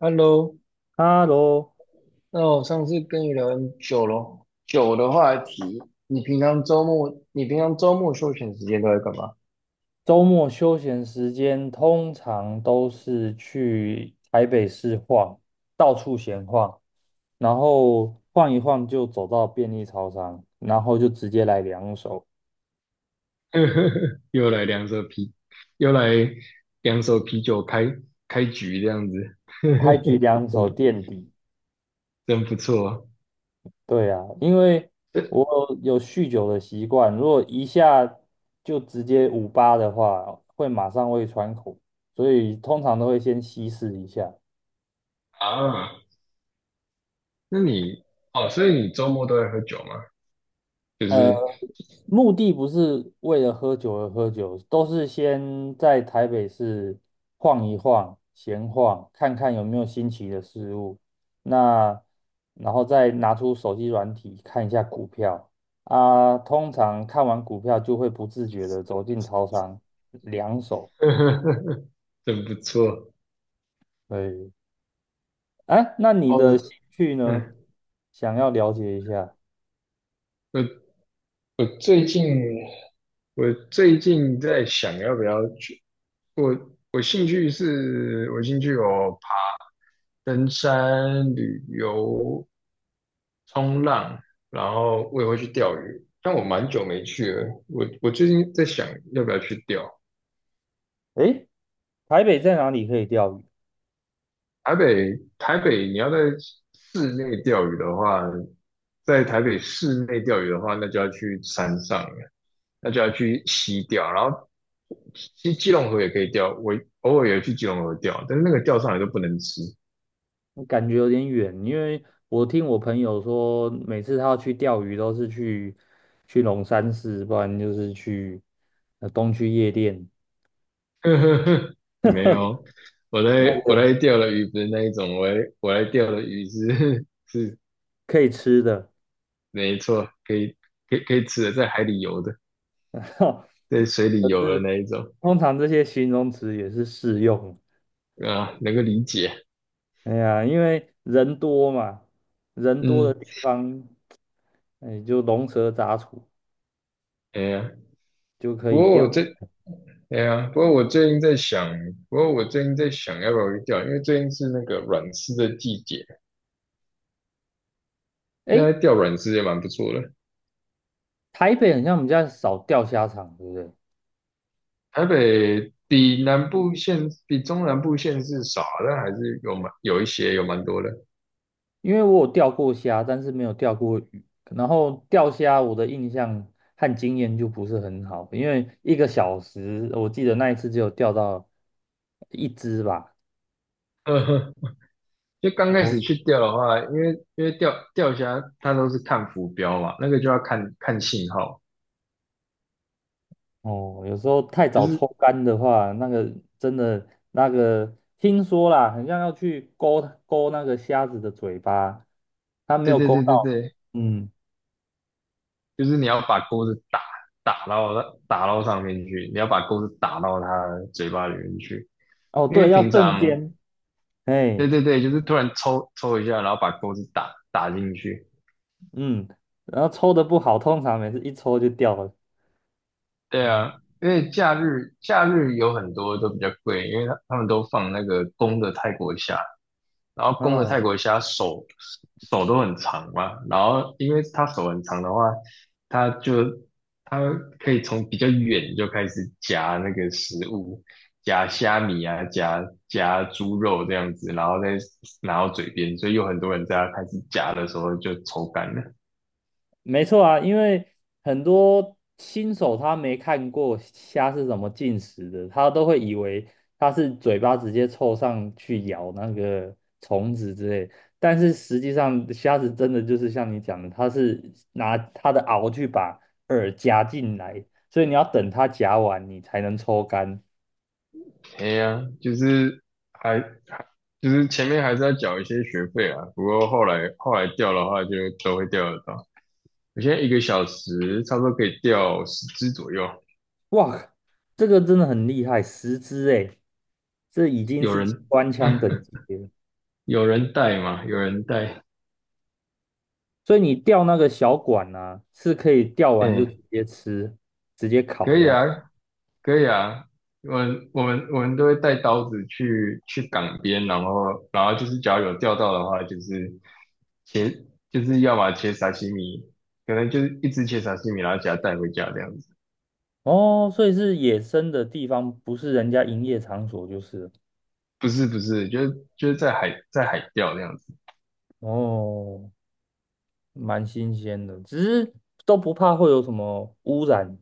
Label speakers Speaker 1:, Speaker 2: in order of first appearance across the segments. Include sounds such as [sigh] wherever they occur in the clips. Speaker 1: Hello，
Speaker 2: 哈喽。
Speaker 1: 那我上次跟你聊很久咯，酒的话题，你平常周末休闲时间都在干嘛？
Speaker 2: 周末休闲时间通常都是去台北市晃，到处闲晃，然后晃一晃就走到便利超商，然后就直接来两手，
Speaker 1: [laughs] 又来两手啤，又来两手啤酒开局这样子，
Speaker 2: 开局两
Speaker 1: [laughs]
Speaker 2: 手
Speaker 1: 真
Speaker 2: 垫底。
Speaker 1: 真不错
Speaker 2: 对啊，因为我有酗酒的习惯，如果一下就直接五八的话，会马上胃穿孔，所以通常都会先稀释一下。
Speaker 1: 啊！那你哦，所以你周末都在喝酒吗？就
Speaker 2: 呃。
Speaker 1: 是
Speaker 2: 目的不是为了喝酒而喝酒，都是先在台北市晃一晃、闲晃，看看有没有新奇的事物。那然后再拿出手机软体看一下股票啊，通常看完股票就会不自觉的走进超商两手。
Speaker 1: [laughs] 真不错，
Speaker 2: 对。哎，那你
Speaker 1: 哦，
Speaker 2: 的兴趣呢？
Speaker 1: 嗯，
Speaker 2: 想要了解一下。
Speaker 1: 我我最近我最近在想要不要去，我兴趣登山、旅游、冲浪，然后我也会去钓鱼，但我蛮久没去了。我最近在想要不要去钓，
Speaker 2: 哎，台北在哪里可以钓鱼？
Speaker 1: 台北，你要在室内钓鱼的话，在台北室内钓鱼的话，那就要去山上了，那就要去溪钓。然后，其实基隆河也可以钓，我偶尔也去基隆河钓，但是那个钓上来都不能吃。
Speaker 2: 感觉有点远，因为我听我朋友说，每次他要去钓鱼都是去龙山寺，不然就是去东区夜店。
Speaker 1: [laughs] 没有，我
Speaker 2: [laughs] 那
Speaker 1: 在我
Speaker 2: 个
Speaker 1: 在钓的鱼不是那一种，我来钓的鱼是 [laughs] 是
Speaker 2: 可以吃的。
Speaker 1: 没错，可以吃的，在海里游的，在水
Speaker 2: [laughs]
Speaker 1: 里
Speaker 2: 就
Speaker 1: 游的
Speaker 2: 是
Speaker 1: 那一种
Speaker 2: 通常这些形容词也是适用。
Speaker 1: 啊，能够理解。
Speaker 2: 哎呀，因为人多嘛，人多的
Speaker 1: 嗯，
Speaker 2: 地方，哎，就龙蛇杂处
Speaker 1: 哎呀。
Speaker 2: 就可
Speaker 1: 不
Speaker 2: 以
Speaker 1: 过
Speaker 2: 钓。
Speaker 1: 我最，哎呀，不过我最近在想要不要去钓，因为最近是那个软丝的季节，现
Speaker 2: 哎，
Speaker 1: 在钓软丝也蛮不错的。
Speaker 2: 台北很像我们家少钓虾场，对不对？
Speaker 1: 台北比南部县，比中南部县是少的，但还是有蛮有一些，有蛮多的。
Speaker 2: 因为我有钓过虾，但是没有钓过鱼。然后钓虾，我的印象和经验就不是很好，因为一个小时，我记得那一次只有钓到一只吧。
Speaker 1: 呵呵，就刚开
Speaker 2: 哦
Speaker 1: 始去钓的话，因为钓虾它都是看浮标嘛，那个就要看看信号，
Speaker 2: 哦，有时候太
Speaker 1: 就
Speaker 2: 早抽
Speaker 1: 是
Speaker 2: 干的话，那个真的那个，听说啦，很像要去勾那个虾子的嘴巴，它没
Speaker 1: 对
Speaker 2: 有
Speaker 1: 对
Speaker 2: 勾
Speaker 1: 对对
Speaker 2: 到。
Speaker 1: 对，
Speaker 2: 嗯，
Speaker 1: 就是你要把钩子打到它打到上面去，你要把钩子打到它的嘴巴里面去。
Speaker 2: 哦
Speaker 1: 因为
Speaker 2: 对，要
Speaker 1: 平
Speaker 2: 瞬
Speaker 1: 常，
Speaker 2: 间。
Speaker 1: 对
Speaker 2: 哎，
Speaker 1: 对对，就是突然抽一下，然后把钩子打进去，
Speaker 2: 嗯，然后抽的不好，通常每次一抽就掉了。
Speaker 1: 对
Speaker 2: 嗯。
Speaker 1: 啊，因为假日有很多都比较贵，因为他们都放那个公的泰国虾，然后公的
Speaker 2: 嗯，
Speaker 1: 泰国虾手都很长嘛，然后因为他手很长的话，他就他可以从比较远就开始夹那个食物，夹虾米啊，夹猪肉这样子，然后再拿到嘴边，所以有很多人在他开始夹的时候就抽干了。
Speaker 2: 没错啊，因为很多新手他没看过虾是怎么进食的，他都会以为它是嘴巴直接凑上去咬那个虫子之类，但是实际上虾子真的就是像你讲的，它是拿它的螯去把饵夹进来，所以你要等它夹完你才能抽干。
Speaker 1: 哎呀，就是还就是前面还是要缴一些学费啊，不过后来掉的话就都会掉得到。我现在一个小时差不多可以掉10只左右，
Speaker 2: 哇，这个真的很厉害，10只诶，这已经
Speaker 1: 有
Speaker 2: 是机
Speaker 1: 人
Speaker 2: 关枪等级了。
Speaker 1: 有人带？
Speaker 2: 所以你钓那个小管呢、啊，是可以钓完就
Speaker 1: 哎，
Speaker 2: 直接吃，直接烤
Speaker 1: 可
Speaker 2: 这
Speaker 1: 以
Speaker 2: 样。
Speaker 1: 啊，可以啊。我们都会带刀子去港边，然后就是只要有钓到的话，就是切就是要把切沙西米，可能就是一只切沙西米，然后给它带回家这样子。
Speaker 2: 哦，所以是野生的地方，不是人家营业场所就是了。
Speaker 1: 不是不是，就是在海钓这样子。
Speaker 2: 哦，蛮新鲜的，只是都不怕会有什么污染。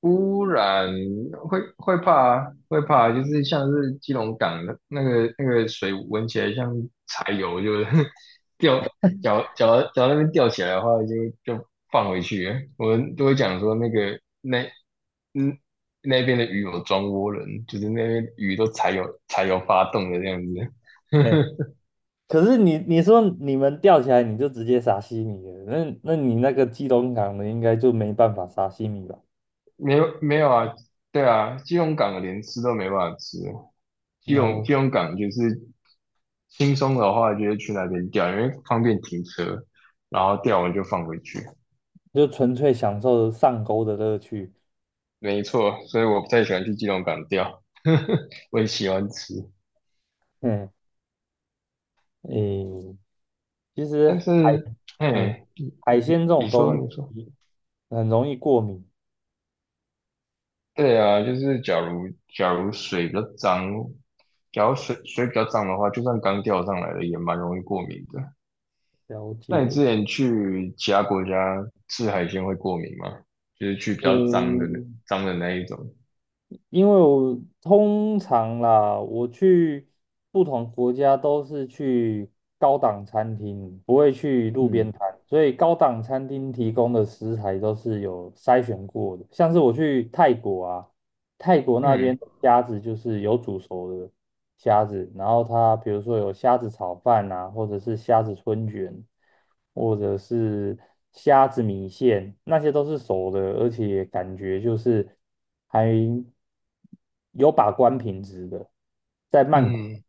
Speaker 1: 污染会怕啊，就是像是基隆港的那个水闻起来像柴油，就是 [laughs] 掉脚那边吊起来的话就放回去了，我们都会讲说那个那嗯，那边的鱼有装涡轮，就是那边鱼都柴油发动的这样子。[laughs]
Speaker 2: 哎，可是你你说你们钓起来你就直接撒西米了，那你那个基隆港的应该就没办法撒西米吧？
Speaker 1: 没有没有啊，对啊，基隆港连吃都没办法吃，基
Speaker 2: 然
Speaker 1: 隆
Speaker 2: 后
Speaker 1: 基隆港就是轻松的话，就是去那边钓，因为方便停车，然后钓完就放回去。
Speaker 2: 就纯粹享受上钩的乐趣。
Speaker 1: 没错，所以我不太喜欢去基隆港钓，[laughs] 我也喜欢吃，
Speaker 2: 嗯，诶，其实
Speaker 1: 但
Speaker 2: 海，
Speaker 1: 是，
Speaker 2: 哎，
Speaker 1: 哎，
Speaker 2: 海鲜这
Speaker 1: 你
Speaker 2: 种
Speaker 1: 说
Speaker 2: 东
Speaker 1: 你说，
Speaker 2: 西很容易过敏。
Speaker 1: 对啊，假如水比较脏，假如水比较脏的话，就算刚钓上来的也蛮容易过敏的。
Speaker 2: 了
Speaker 1: 那你
Speaker 2: 解。
Speaker 1: 之前去其他国家吃海鲜会过敏吗？就是去比较脏的
Speaker 2: 嗯，
Speaker 1: 那一种。
Speaker 2: 因为我通常啦，我去不同国家都是去高档餐厅，不会去路边
Speaker 1: 嗯，
Speaker 2: 摊，所以高档餐厅提供的食材都是有筛选过的。像是我去泰国啊。泰国那
Speaker 1: 嗯
Speaker 2: 边的虾子就是有煮熟的虾子，然后它比如说有虾子炒饭啊，或者是虾子春卷，或者是虾子米线，那些都是熟的，而且感觉就是还有把关品质的，在曼谷。
Speaker 1: 嗯，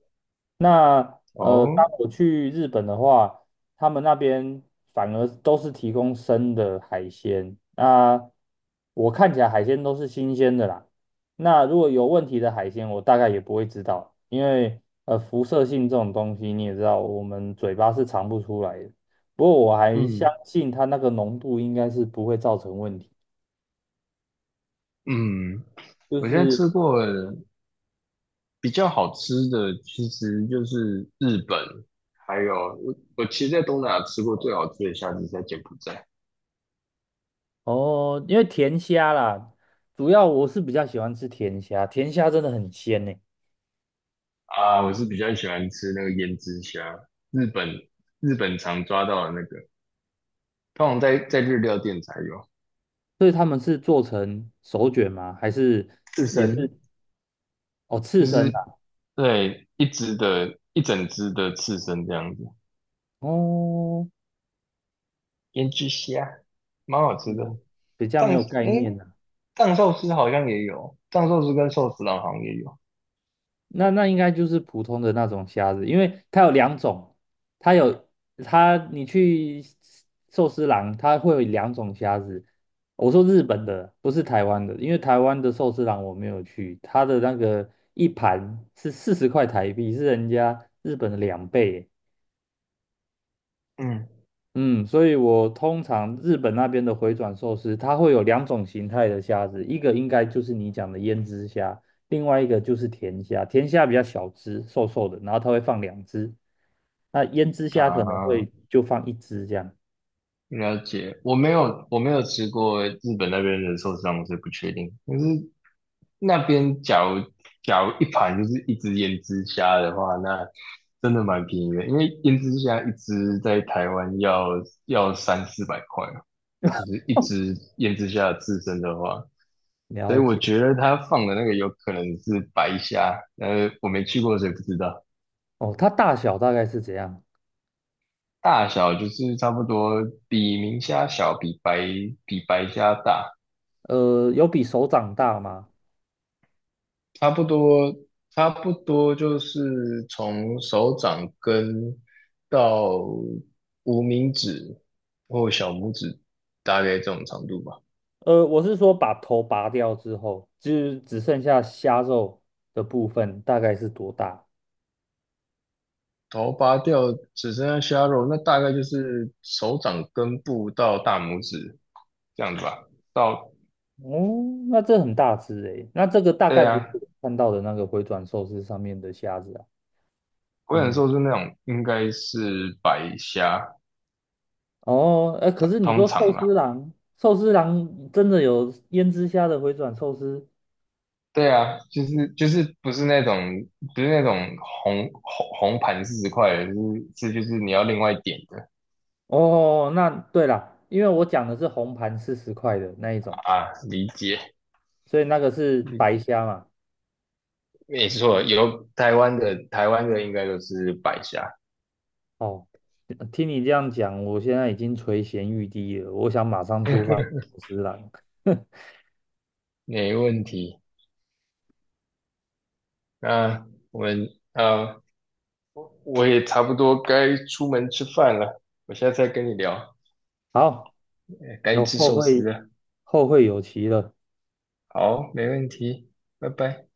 Speaker 2: 那当
Speaker 1: 哦，
Speaker 2: 我去日本的话，他们那边反而都是提供生的海鲜。那我看起来海鲜都是新鲜的啦。那如果有问题的海鲜，我大概也不会知道，因为辐射性这种东西你也知道，我们嘴巴是尝不出来的。不过我还相
Speaker 1: 嗯
Speaker 2: 信它那个浓度应该是不会造成问题。
Speaker 1: 嗯，
Speaker 2: 就
Speaker 1: 我现在
Speaker 2: 是
Speaker 1: 吃过比较好吃的，其实就是日本，还有我其实，在东南亚吃过最好吃的虾子是在柬埔寨
Speaker 2: 哦，因为甜虾啦，主要我是比较喜欢吃甜虾，甜虾真的很鲜呢。
Speaker 1: 啊，我是比较喜欢吃那个胭脂虾，日本日本常抓到的那个，通常在日料店才有
Speaker 2: 所以他们是做成手卷吗？还是
Speaker 1: 刺
Speaker 2: 也是
Speaker 1: 身，
Speaker 2: 哦刺
Speaker 1: 就
Speaker 2: 身
Speaker 1: 是
Speaker 2: 的啊。
Speaker 1: 对，一只的，一整只的刺身这样子，
Speaker 2: 哦，
Speaker 1: 腌制虾，蛮好吃的。
Speaker 2: 嗯，比较没
Speaker 1: 藏，
Speaker 2: 有概念。
Speaker 1: 诶，藏寿司好像也有，藏寿司跟寿司郎好像也有。
Speaker 2: 那应该就是普通的那种虾子，因为它有两种，它有你去寿司郎，它会有两种虾子。我说日本的，不是台湾的，因为台湾的寿司郎我没有去，它的那个一盘是40块台币，是人家日本的两倍耶。
Speaker 1: 嗯，
Speaker 2: 嗯，所以我通常日本那边的回转寿司，它会有两种形态的虾子，一个应该就是你讲的胭脂虾，另外一个就是甜虾。甜虾比较小只，瘦瘦的，然后它会放两只。那胭脂虾可能
Speaker 1: 啊，
Speaker 2: 会就放一只这样。
Speaker 1: 了解。我没有吃过日本那边的寿司郎，我是不确定。可是那边假如一盘就是一只腌制虾的话，那真的蛮便宜的，因为腌制虾一只在台湾要3、400块。就
Speaker 2: [laughs]
Speaker 1: 是一
Speaker 2: 哦，
Speaker 1: 直腌制下自身的话，所以
Speaker 2: 了
Speaker 1: 我
Speaker 2: 解。
Speaker 1: 觉得他放的那个有可能是白虾，呃，我没去过，所以不知道。
Speaker 2: 哦，它大小大概是怎样？
Speaker 1: 大小就是差不多比明虾小，比白虾大，
Speaker 2: 呃，有比手掌大吗？
Speaker 1: 差不多差不多就是从手掌根到无名指或小拇指，大概这种长度吧。
Speaker 2: 呃，我是说把头拔掉之后，就是只剩下虾肉的部分，大概是多大？
Speaker 1: 头拔掉只剩下虾肉，那大概就是手掌根部到大拇指这样子吧。到，
Speaker 2: 哦，那这很大只诶，那这个大概
Speaker 1: 对
Speaker 2: 不是
Speaker 1: 啊，
Speaker 2: 我看到的那个回转寿司上面的虾子啊。
Speaker 1: 我想
Speaker 2: 嗯，
Speaker 1: 说是那种应该是白虾，
Speaker 2: 哦，哎，可
Speaker 1: 通
Speaker 2: 是你
Speaker 1: 通
Speaker 2: 说寿
Speaker 1: 常
Speaker 2: 司
Speaker 1: 啦。
Speaker 2: 郎，寿司郎真的有胭脂虾的回转寿司？
Speaker 1: 对啊，就是不是那种不是那种红盘40块的，就是是就是你要另外点的
Speaker 2: 哦，那对啦，因为我讲的是红盘40块的那一种，
Speaker 1: 啊，理解。
Speaker 2: 所以那个是白
Speaker 1: 嗯，
Speaker 2: 虾嘛。
Speaker 1: 没错，有台湾的应该都是白虾，
Speaker 2: 哦，听你这样讲，我现在已经垂涎欲滴了，我想马上出发去寿司郎。[laughs]
Speaker 1: 没问题。那我们呃。我也差不多该出门吃饭了，我下次再跟你聊，
Speaker 2: 好，
Speaker 1: 哎，该
Speaker 2: 有
Speaker 1: 吃
Speaker 2: 后
Speaker 1: 寿司
Speaker 2: 会
Speaker 1: 了。
Speaker 2: 后会有期了。
Speaker 1: 好，没问题，拜拜。